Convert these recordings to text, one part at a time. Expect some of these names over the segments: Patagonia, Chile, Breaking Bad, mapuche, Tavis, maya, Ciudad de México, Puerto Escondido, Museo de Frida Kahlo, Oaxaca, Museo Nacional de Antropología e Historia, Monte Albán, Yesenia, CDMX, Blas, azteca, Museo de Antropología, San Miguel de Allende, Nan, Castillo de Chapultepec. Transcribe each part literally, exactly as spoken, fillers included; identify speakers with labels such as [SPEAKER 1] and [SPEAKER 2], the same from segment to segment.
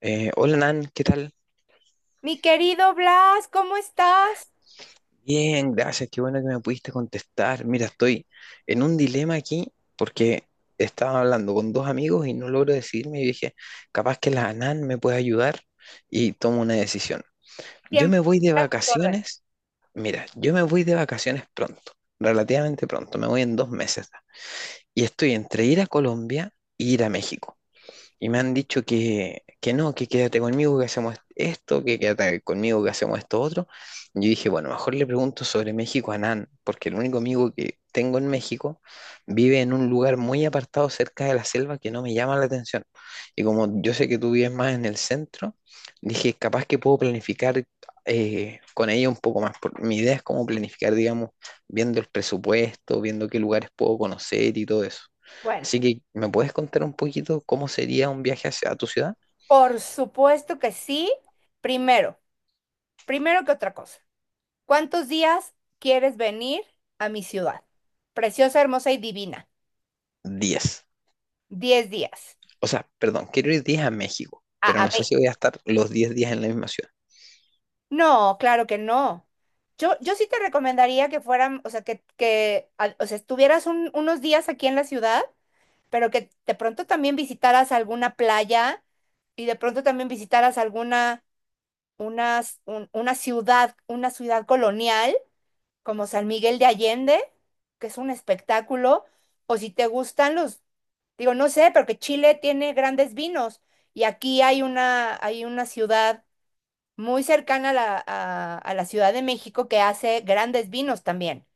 [SPEAKER 1] Eh, hola Nan, ¿qué tal?
[SPEAKER 2] Mi querido Blas, ¿cómo estás?
[SPEAKER 1] Bien, gracias, qué bueno que me pudiste contestar. Mira, estoy en un dilema aquí porque estaba hablando con dos amigos y no logro decidirme y dije, capaz que la Nan me puede ayudar y tomo una decisión. Yo
[SPEAKER 2] Siempre
[SPEAKER 1] me voy de
[SPEAKER 2] a tus órdenes.
[SPEAKER 1] vacaciones, mira, yo me voy de vacaciones pronto, relativamente pronto, me voy en dos meses. Y estoy entre ir a Colombia e ir a México. Y me han dicho que, que no, que quédate conmigo, que hacemos esto, que quédate conmigo, que hacemos esto otro. Y yo dije, bueno, mejor le pregunto sobre México a Nan, porque el único amigo que tengo en México vive en un lugar muy apartado cerca de la selva que no me llama la atención. Y como yo sé que tú vives más en el centro, dije, capaz que puedo planificar eh, con ella un poco más. por- Mi idea es cómo planificar, digamos, viendo el presupuesto, viendo qué lugares puedo conocer y todo eso.
[SPEAKER 2] Bueno,
[SPEAKER 1] Así que, ¿me puedes contar un poquito cómo sería un viaje hacia tu ciudad?
[SPEAKER 2] por supuesto que sí. Primero, primero que otra cosa, ¿cuántos días quieres venir a mi ciudad? Preciosa, hermosa y divina.
[SPEAKER 1] Diez.
[SPEAKER 2] Diez días.
[SPEAKER 1] O sea, perdón, quiero ir diez a México,
[SPEAKER 2] A,
[SPEAKER 1] pero
[SPEAKER 2] a
[SPEAKER 1] no
[SPEAKER 2] mí.
[SPEAKER 1] sé si voy a estar los diez días en la misma ciudad.
[SPEAKER 2] No, claro que no. Yo, yo sí te recomendaría que fueran, o sea, que, que a- o sea, estuvieras un- unos días aquí en la ciudad, pero que de pronto también visitaras alguna playa y de pronto también visitaras alguna una, un- una ciudad, una ciudad colonial como San Miguel de Allende, que es un espectáculo, o si te gustan los, digo, no sé, porque Chile tiene grandes vinos y aquí hay una, hay una ciudad muy cercana a la, a, a la Ciudad de México que hace grandes vinos también.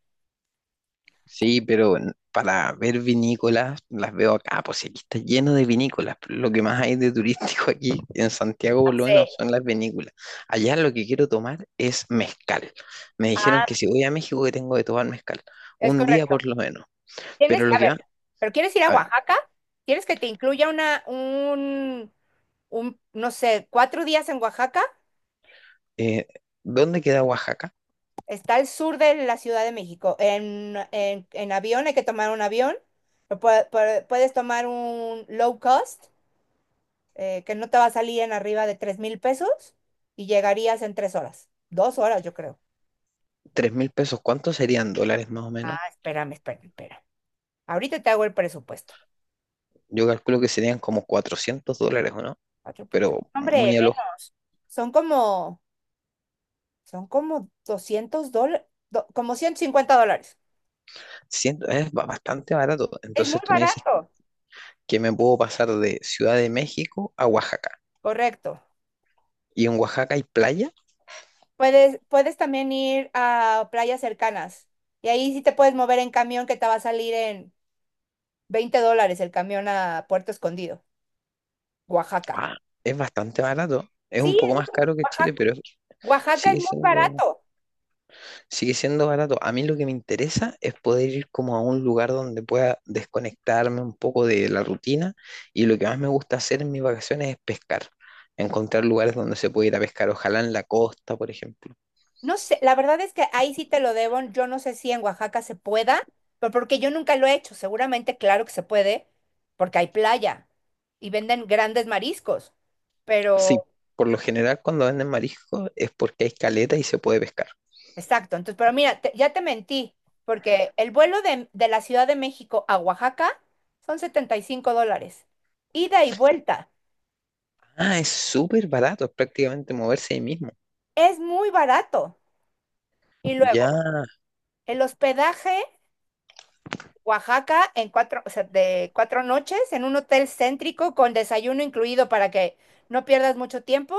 [SPEAKER 1] Sí, pero en- para ver vinícolas, las veo acá, pues si aquí está lleno de vinícolas. Pero lo que más hay de turístico aquí en Santiago, por lo
[SPEAKER 2] Sí,
[SPEAKER 1] menos, son las vinícolas. Allá lo que quiero tomar es mezcal. Me dijeron que si voy a México que tengo que tomar mezcal.
[SPEAKER 2] es
[SPEAKER 1] Un día
[SPEAKER 2] correcto.
[SPEAKER 1] por lo menos.
[SPEAKER 2] Tienes
[SPEAKER 1] Pero
[SPEAKER 2] que,
[SPEAKER 1] lo
[SPEAKER 2] a
[SPEAKER 1] que
[SPEAKER 2] ver,
[SPEAKER 1] va,
[SPEAKER 2] pero ¿quieres ir a
[SPEAKER 1] a ver,
[SPEAKER 2] Oaxaca? ¿Quieres que te incluya una, un, un, no sé, cuatro días en Oaxaca?
[SPEAKER 1] eh, ¿dónde queda Oaxaca?
[SPEAKER 2] Está al sur de la Ciudad de México. En, en- en avión hay que tomar un avión. o pue- pue- Puedes tomar un low cost, eh, que no te va a salir en arriba de tres mil pesos y llegarías en tres horas. Dos horas, yo creo.
[SPEAKER 1] Tres mil pesos, ¿cuántos serían dólares más o menos?
[SPEAKER 2] Ah, espérame, espérame, espérame. Ahorita te hago el presupuesto.
[SPEAKER 1] Yo calculo que serían como cuatrocientos dólares, ¿o no?
[SPEAKER 2] Cuatro por tres.
[SPEAKER 1] Pero
[SPEAKER 2] Hombre,
[SPEAKER 1] muy al ojo.
[SPEAKER 2] menos. Son como, son como doscientos dólares, como ciento cincuenta dólares.
[SPEAKER 1] Siento- es ba- bastante barato.
[SPEAKER 2] Es muy
[SPEAKER 1] Entonces tú me dices
[SPEAKER 2] barato.
[SPEAKER 1] que me puedo pasar de Ciudad de México a Oaxaca.
[SPEAKER 2] Correcto.
[SPEAKER 1] Y en Oaxaca hay playa.
[SPEAKER 2] Puedes, puedes también ir a playas cercanas y ahí sí te puedes mover en camión que te va a salir en veinte dólares el camión a Puerto Escondido, Oaxaca.
[SPEAKER 1] Ah, es bastante barato. Es un
[SPEAKER 2] Sí, es
[SPEAKER 1] poco más
[SPEAKER 2] muy-
[SPEAKER 1] caro que Chile,
[SPEAKER 2] Oaxaca,
[SPEAKER 1] pero
[SPEAKER 2] Oaxaca es
[SPEAKER 1] sigue
[SPEAKER 2] muy
[SPEAKER 1] siendo
[SPEAKER 2] barato.
[SPEAKER 1] Sigue siendo barato. A mí lo que me interesa es poder ir como a un lugar donde pueda desconectarme un poco de la rutina y lo que más me gusta hacer en mis vacaciones es pescar. Encontrar lugares donde se puede ir a pescar, ojalá en la costa, por ejemplo.
[SPEAKER 2] No sé, la verdad es que ahí sí te lo debo. Yo no sé si en Oaxaca se pueda, pero porque yo nunca lo he hecho. Seguramente, claro que se puede, porque hay playa y venden grandes mariscos,
[SPEAKER 1] Sí,
[SPEAKER 2] pero
[SPEAKER 1] por lo general cuando venden mariscos es porque hay caleta y se puede pescar.
[SPEAKER 2] exacto, entonces, pero mira, te- ya te mentí, porque el vuelo de, de la Ciudad de México a Oaxaca son setenta y cinco dólares, ida y vuelta,
[SPEAKER 1] Ah, es súper barato, es prácticamente moverse ahí mismo.
[SPEAKER 2] es muy barato. Y luego,
[SPEAKER 1] Ya,
[SPEAKER 2] el hospedaje, Oaxaca, en cuatro, o sea, de cuatro noches, en un hotel céntrico con desayuno incluido para que no pierdas mucho tiempo,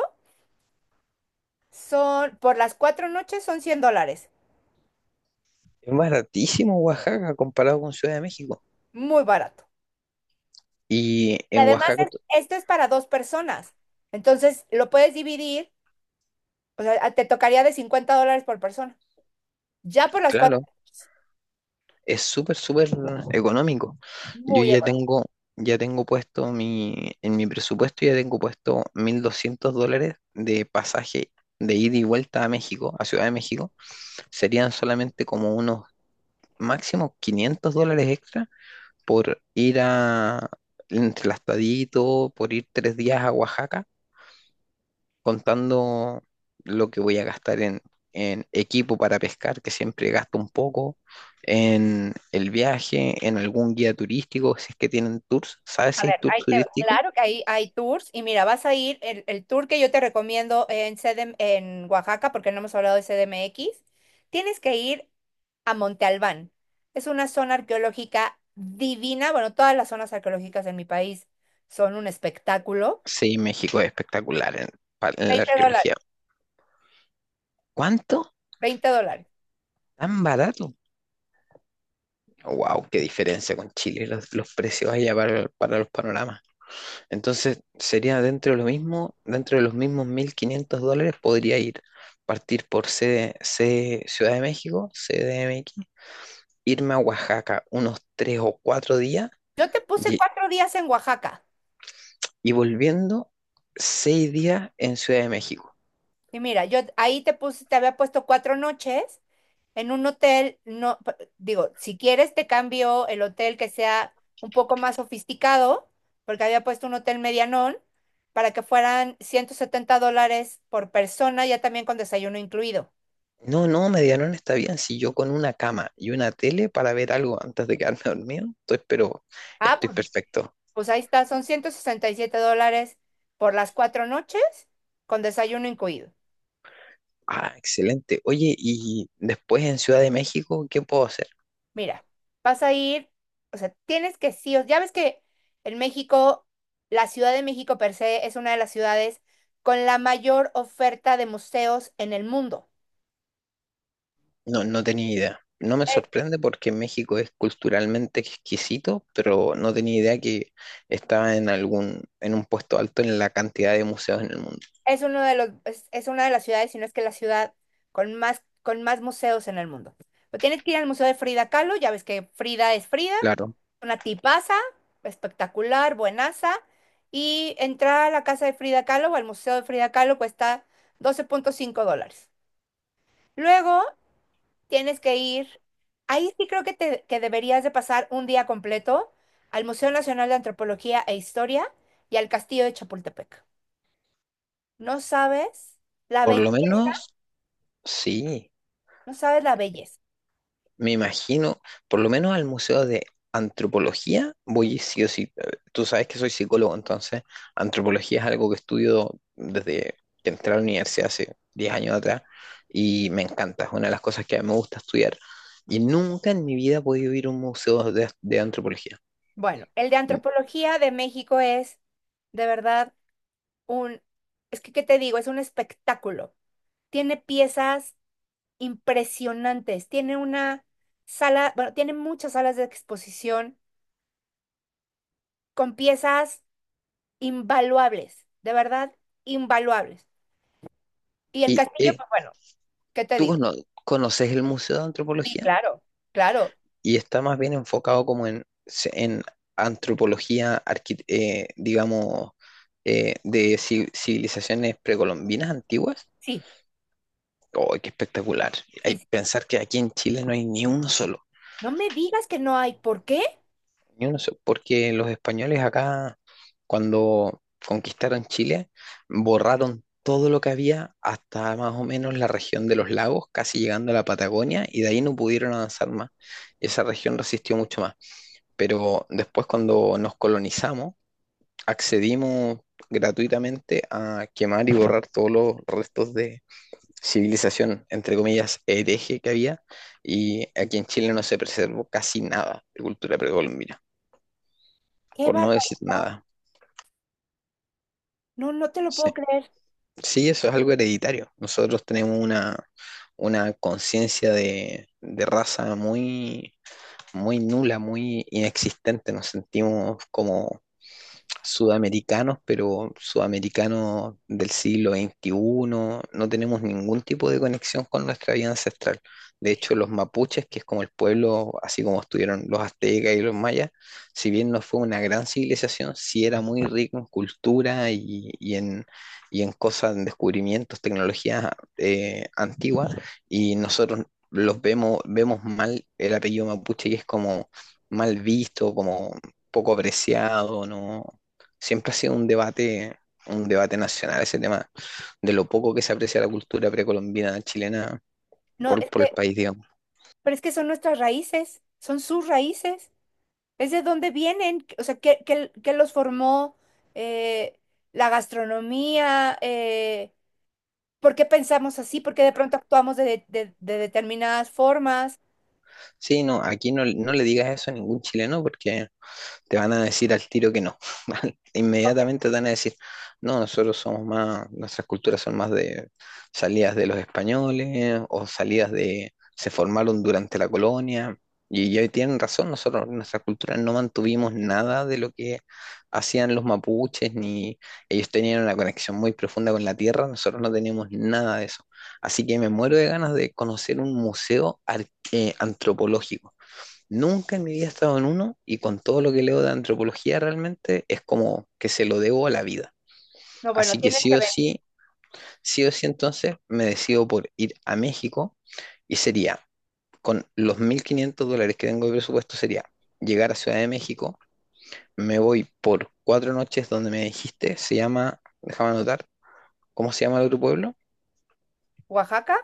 [SPEAKER 2] son, por las cuatro noches son cien dólares,
[SPEAKER 1] es baratísimo Oaxaca comparado con Ciudad de México.
[SPEAKER 2] muy barato.
[SPEAKER 1] Y
[SPEAKER 2] Y
[SPEAKER 1] en
[SPEAKER 2] además,
[SPEAKER 1] Oaxaca,
[SPEAKER 2] es-
[SPEAKER 1] t-
[SPEAKER 2] esto es para dos personas, entonces lo puedes dividir. O sea, te tocaría de cincuenta dólares por persona. Ya por las cuatro.
[SPEAKER 1] claro. Es súper, súper económico. Yo
[SPEAKER 2] Muy
[SPEAKER 1] ya
[SPEAKER 2] económico.
[SPEAKER 1] tengo, ya tengo puesto mi, en mi presupuesto ya tengo puesto mil doscientos dólares de pasaje de ida y vuelta a México, a Ciudad de México. Serían solamente como unos máximo quinientos dólares extra por ir a, entre el Astadito, por ir tres días a Oaxaca contando lo que voy a gastar en, en, equipo para pescar, que siempre gasto un poco, en el viaje, en algún guía turístico, si es que tienen tours. ¿Sabes
[SPEAKER 2] A
[SPEAKER 1] si hay
[SPEAKER 2] ver,
[SPEAKER 1] tours
[SPEAKER 2] ahí te va.
[SPEAKER 1] turísticos?
[SPEAKER 2] Claro que ahí hay tours. Y mira, vas a ir, el, el tour que yo te recomiendo en, C D M en Oaxaca, porque no hemos hablado de C D M X, tienes que ir a Monte Albán. Es una zona arqueológica divina. Bueno, todas las zonas arqueológicas en mi país son un espectáculo.
[SPEAKER 1] Sí, México es espectacular en, pa- en la
[SPEAKER 2] Veinte
[SPEAKER 1] arqueología.
[SPEAKER 2] dólares,
[SPEAKER 1] ¿Cuánto?
[SPEAKER 2] veinte dólares.
[SPEAKER 1] ¿Tan barato? Wow, qué diferencia con Chile, los, los precios allá para, para los panoramas. Entonces sería dentro de lo mismo, dentro de los mismos mil quinientos dólares podría ir, partir por C, C- Ciudad de México, C D M X, irme a Oaxaca unos tres o cuatro días
[SPEAKER 2] Yo te puse
[SPEAKER 1] y,
[SPEAKER 2] cuatro días en Oaxaca.
[SPEAKER 1] y volviendo seis días en Ciudad de México.
[SPEAKER 2] Y mira, yo ahí te puse, te había puesto cuatro noches en un hotel, no, p- digo, si quieres te cambio el hotel que sea un poco más sofisticado, porque había puesto un hotel medianón, para que fueran ciento setenta dólares por persona, ya también con desayuno incluido.
[SPEAKER 1] No, no, Medianón está bien. Si yo con una cama y una tele para ver algo antes de quedarme dormido, entonces, pero
[SPEAKER 2] Ah,
[SPEAKER 1] estoy
[SPEAKER 2] pues,
[SPEAKER 1] perfecto.
[SPEAKER 2] pues ahí está, son ciento sesenta y siete dólares por las cuatro noches, con desayuno incluido.
[SPEAKER 1] Ah, excelente. Oye, y después en Ciudad de México, ¿qué puedo hacer?
[SPEAKER 2] Mira, vas a ir, o sea, tienes que sí, o- ya ves que en México, la Ciudad de México per se es una de las ciudades con la mayor oferta de museos en el mundo.
[SPEAKER 1] No, no tenía idea. No me
[SPEAKER 2] Es,
[SPEAKER 1] sorprende porque México es culturalmente exquisito, pero no tenía idea que estaba en algún, en un puesto alto en la cantidad de museos en el mundo.
[SPEAKER 2] es uno de los, es, es una de las ciudades, si no es que la ciudad con más, con más museos en el mundo. Pero tienes que ir al Museo de Frida Kahlo, ya ves que Frida es Frida,
[SPEAKER 1] Claro,
[SPEAKER 2] una tipaza, espectacular, buenaza. Y entrar a la casa de Frida Kahlo o al Museo de Frida Kahlo cuesta doce punto cinco dólares. Luego tienes que ir. Ahí sí creo que, te, que deberías de pasar un día completo al Museo Nacional de Antropología e Historia y al Castillo de Chapultepec. No sabes la
[SPEAKER 1] por
[SPEAKER 2] belleza,
[SPEAKER 1] lo menos sí.
[SPEAKER 2] no sabes la belleza.
[SPEAKER 1] Me imagino, por lo menos al Museo de Antropología, voy sí o sí. Eh, Tú sabes que soy psicólogo, entonces antropología es algo que estudio desde que entré a la universidad hace diez años atrás y me encanta, es una de las cosas que a mí me gusta estudiar. Y nunca en mi vida he podido ir a un museo de, de antropología.
[SPEAKER 2] Bueno, el de
[SPEAKER 1] Mm,
[SPEAKER 2] Antropología de México es de verdad un, es que, ¿qué te digo? Es un espectáculo. Tiene piezas impresionantes, tiene una sala, bueno, tiene muchas salas de exposición con piezas invaluables, de verdad, invaluables. Y el
[SPEAKER 1] ¿Y
[SPEAKER 2] castillo,
[SPEAKER 1] eh,
[SPEAKER 2] pues bueno, ¿qué te
[SPEAKER 1] tú
[SPEAKER 2] digo?
[SPEAKER 1] cono- conoces el Museo de
[SPEAKER 2] Sí,
[SPEAKER 1] Antropología?
[SPEAKER 2] claro, claro,
[SPEAKER 1] Y está más bien enfocado como en, se- en antropología, arqui- eh, digamos, eh, de ci- civilizaciones precolombinas antiguas.
[SPEAKER 2] sí,
[SPEAKER 1] ¡Oh, qué espectacular! Hay
[SPEAKER 2] sí, sí.
[SPEAKER 1] pensar que aquí en Chile no hay ni uno solo,
[SPEAKER 2] No me digas que no hay. ¿Por qué?
[SPEAKER 1] ni uno solo, porque los españoles acá, cuando conquistaron Chile, borraron todo lo que había hasta más o menos la región de los lagos, casi llegando a la Patagonia, y de ahí no pudieron avanzar más. Esa región resistió mucho más. Pero después cuando nos colonizamos, accedimos gratuitamente a quemar y borrar todos los restos de civilización, entre comillas, hereje que había, y aquí en Chile no se preservó casi nada de cultura precolombina,
[SPEAKER 2] ¡Qué
[SPEAKER 1] por no decir
[SPEAKER 2] barbaridad!
[SPEAKER 1] nada.
[SPEAKER 2] No, no te lo
[SPEAKER 1] Sí,
[SPEAKER 2] puedo creer.
[SPEAKER 1] sí, eso es algo hereditario. Nosotros tenemos una, una conciencia de, de raza muy, muy nula, muy inexistente, nos sentimos como sudamericanos, pero sudamericanos del siglo veintiuno, no tenemos ningún tipo de conexión con nuestra vida ancestral. De hecho, los mapuches, que es como el pueblo, así como estuvieron los aztecas y los mayas, si bien no fue una gran civilización, sí era muy rico en cultura y, y en, y en cosas, en descubrimientos, tecnologías eh, antiguas, y nosotros los vemos, vemos mal el apellido mapuche y es como mal visto, como poco apreciado, ¿no? Siempre ha sido un debate, un debate, nacional ese tema, de lo poco que se aprecia la cultura precolombina chilena
[SPEAKER 2] No,
[SPEAKER 1] por,
[SPEAKER 2] es
[SPEAKER 1] por el
[SPEAKER 2] que-
[SPEAKER 1] país, digamos.
[SPEAKER 2] pero es que son nuestras raíces, son sus raíces. Es de dónde vienen, o sea, ¿qué, qué- ¿qué los formó? Eh, la gastronomía, eh, ¿por qué pensamos así? ¿Por qué de pronto actuamos de, de- de determinadas formas?
[SPEAKER 1] Sí, no, aquí no, no le digas eso a ningún chileno porque te van a decir al tiro que no.
[SPEAKER 2] Ok,
[SPEAKER 1] Inmediatamente te van a decir, no, nosotros somos más, nuestras culturas son más de salidas de los españoles o salidas de, se formaron durante la colonia. Y ya tienen razón, nosotros, nuestra cultura no mantuvimos nada de lo que hacían los mapuches, ni ellos tenían una conexión muy profunda con la tierra, nosotros no teníamos nada de eso. Así que me muero de ganas de conocer un museo ar- eh, antropológico. Nunca en mi vida he estado en uno y con todo lo que leo de antropología realmente es como que se lo debo a la vida.
[SPEAKER 2] no, bueno,
[SPEAKER 1] Así que
[SPEAKER 2] tienes
[SPEAKER 1] sí
[SPEAKER 2] que
[SPEAKER 1] o
[SPEAKER 2] venir.
[SPEAKER 1] sí, sí o sí entonces me decido por ir a México y sería, con los mil quinientos dólares que tengo de presupuesto, sería llegar a Ciudad de México, me voy por cuatro noches donde me dijiste, se llama, déjame anotar, ¿cómo se llama el otro pueblo?
[SPEAKER 2] ¿Oaxaca?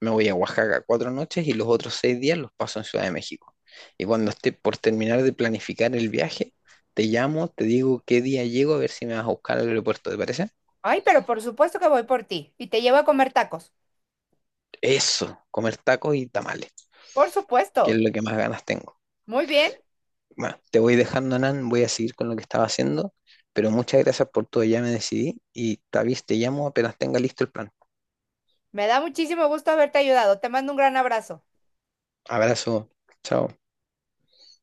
[SPEAKER 1] Me voy a Oaxaca cuatro noches y los otros seis días los paso en Ciudad de México. Y cuando esté por terminar de planificar el viaje, te llamo, te digo qué día llego, a ver si me vas a buscar al aeropuerto, ¿te parece?
[SPEAKER 2] Ay, pero por supuesto que voy por ti y te llevo a comer tacos.
[SPEAKER 1] Eso, comer tacos y tamales,
[SPEAKER 2] Por
[SPEAKER 1] que es
[SPEAKER 2] supuesto.
[SPEAKER 1] lo que más ganas tengo.
[SPEAKER 2] Muy bien.
[SPEAKER 1] Bueno, te voy dejando, Nan, voy a seguir con lo que estaba haciendo, pero muchas gracias por todo, ya me decidí y Tavis, te llamo apenas tenga listo el plan.
[SPEAKER 2] Me da muchísimo gusto haberte ayudado. Te mando un gran abrazo.
[SPEAKER 1] Abrazo, chao.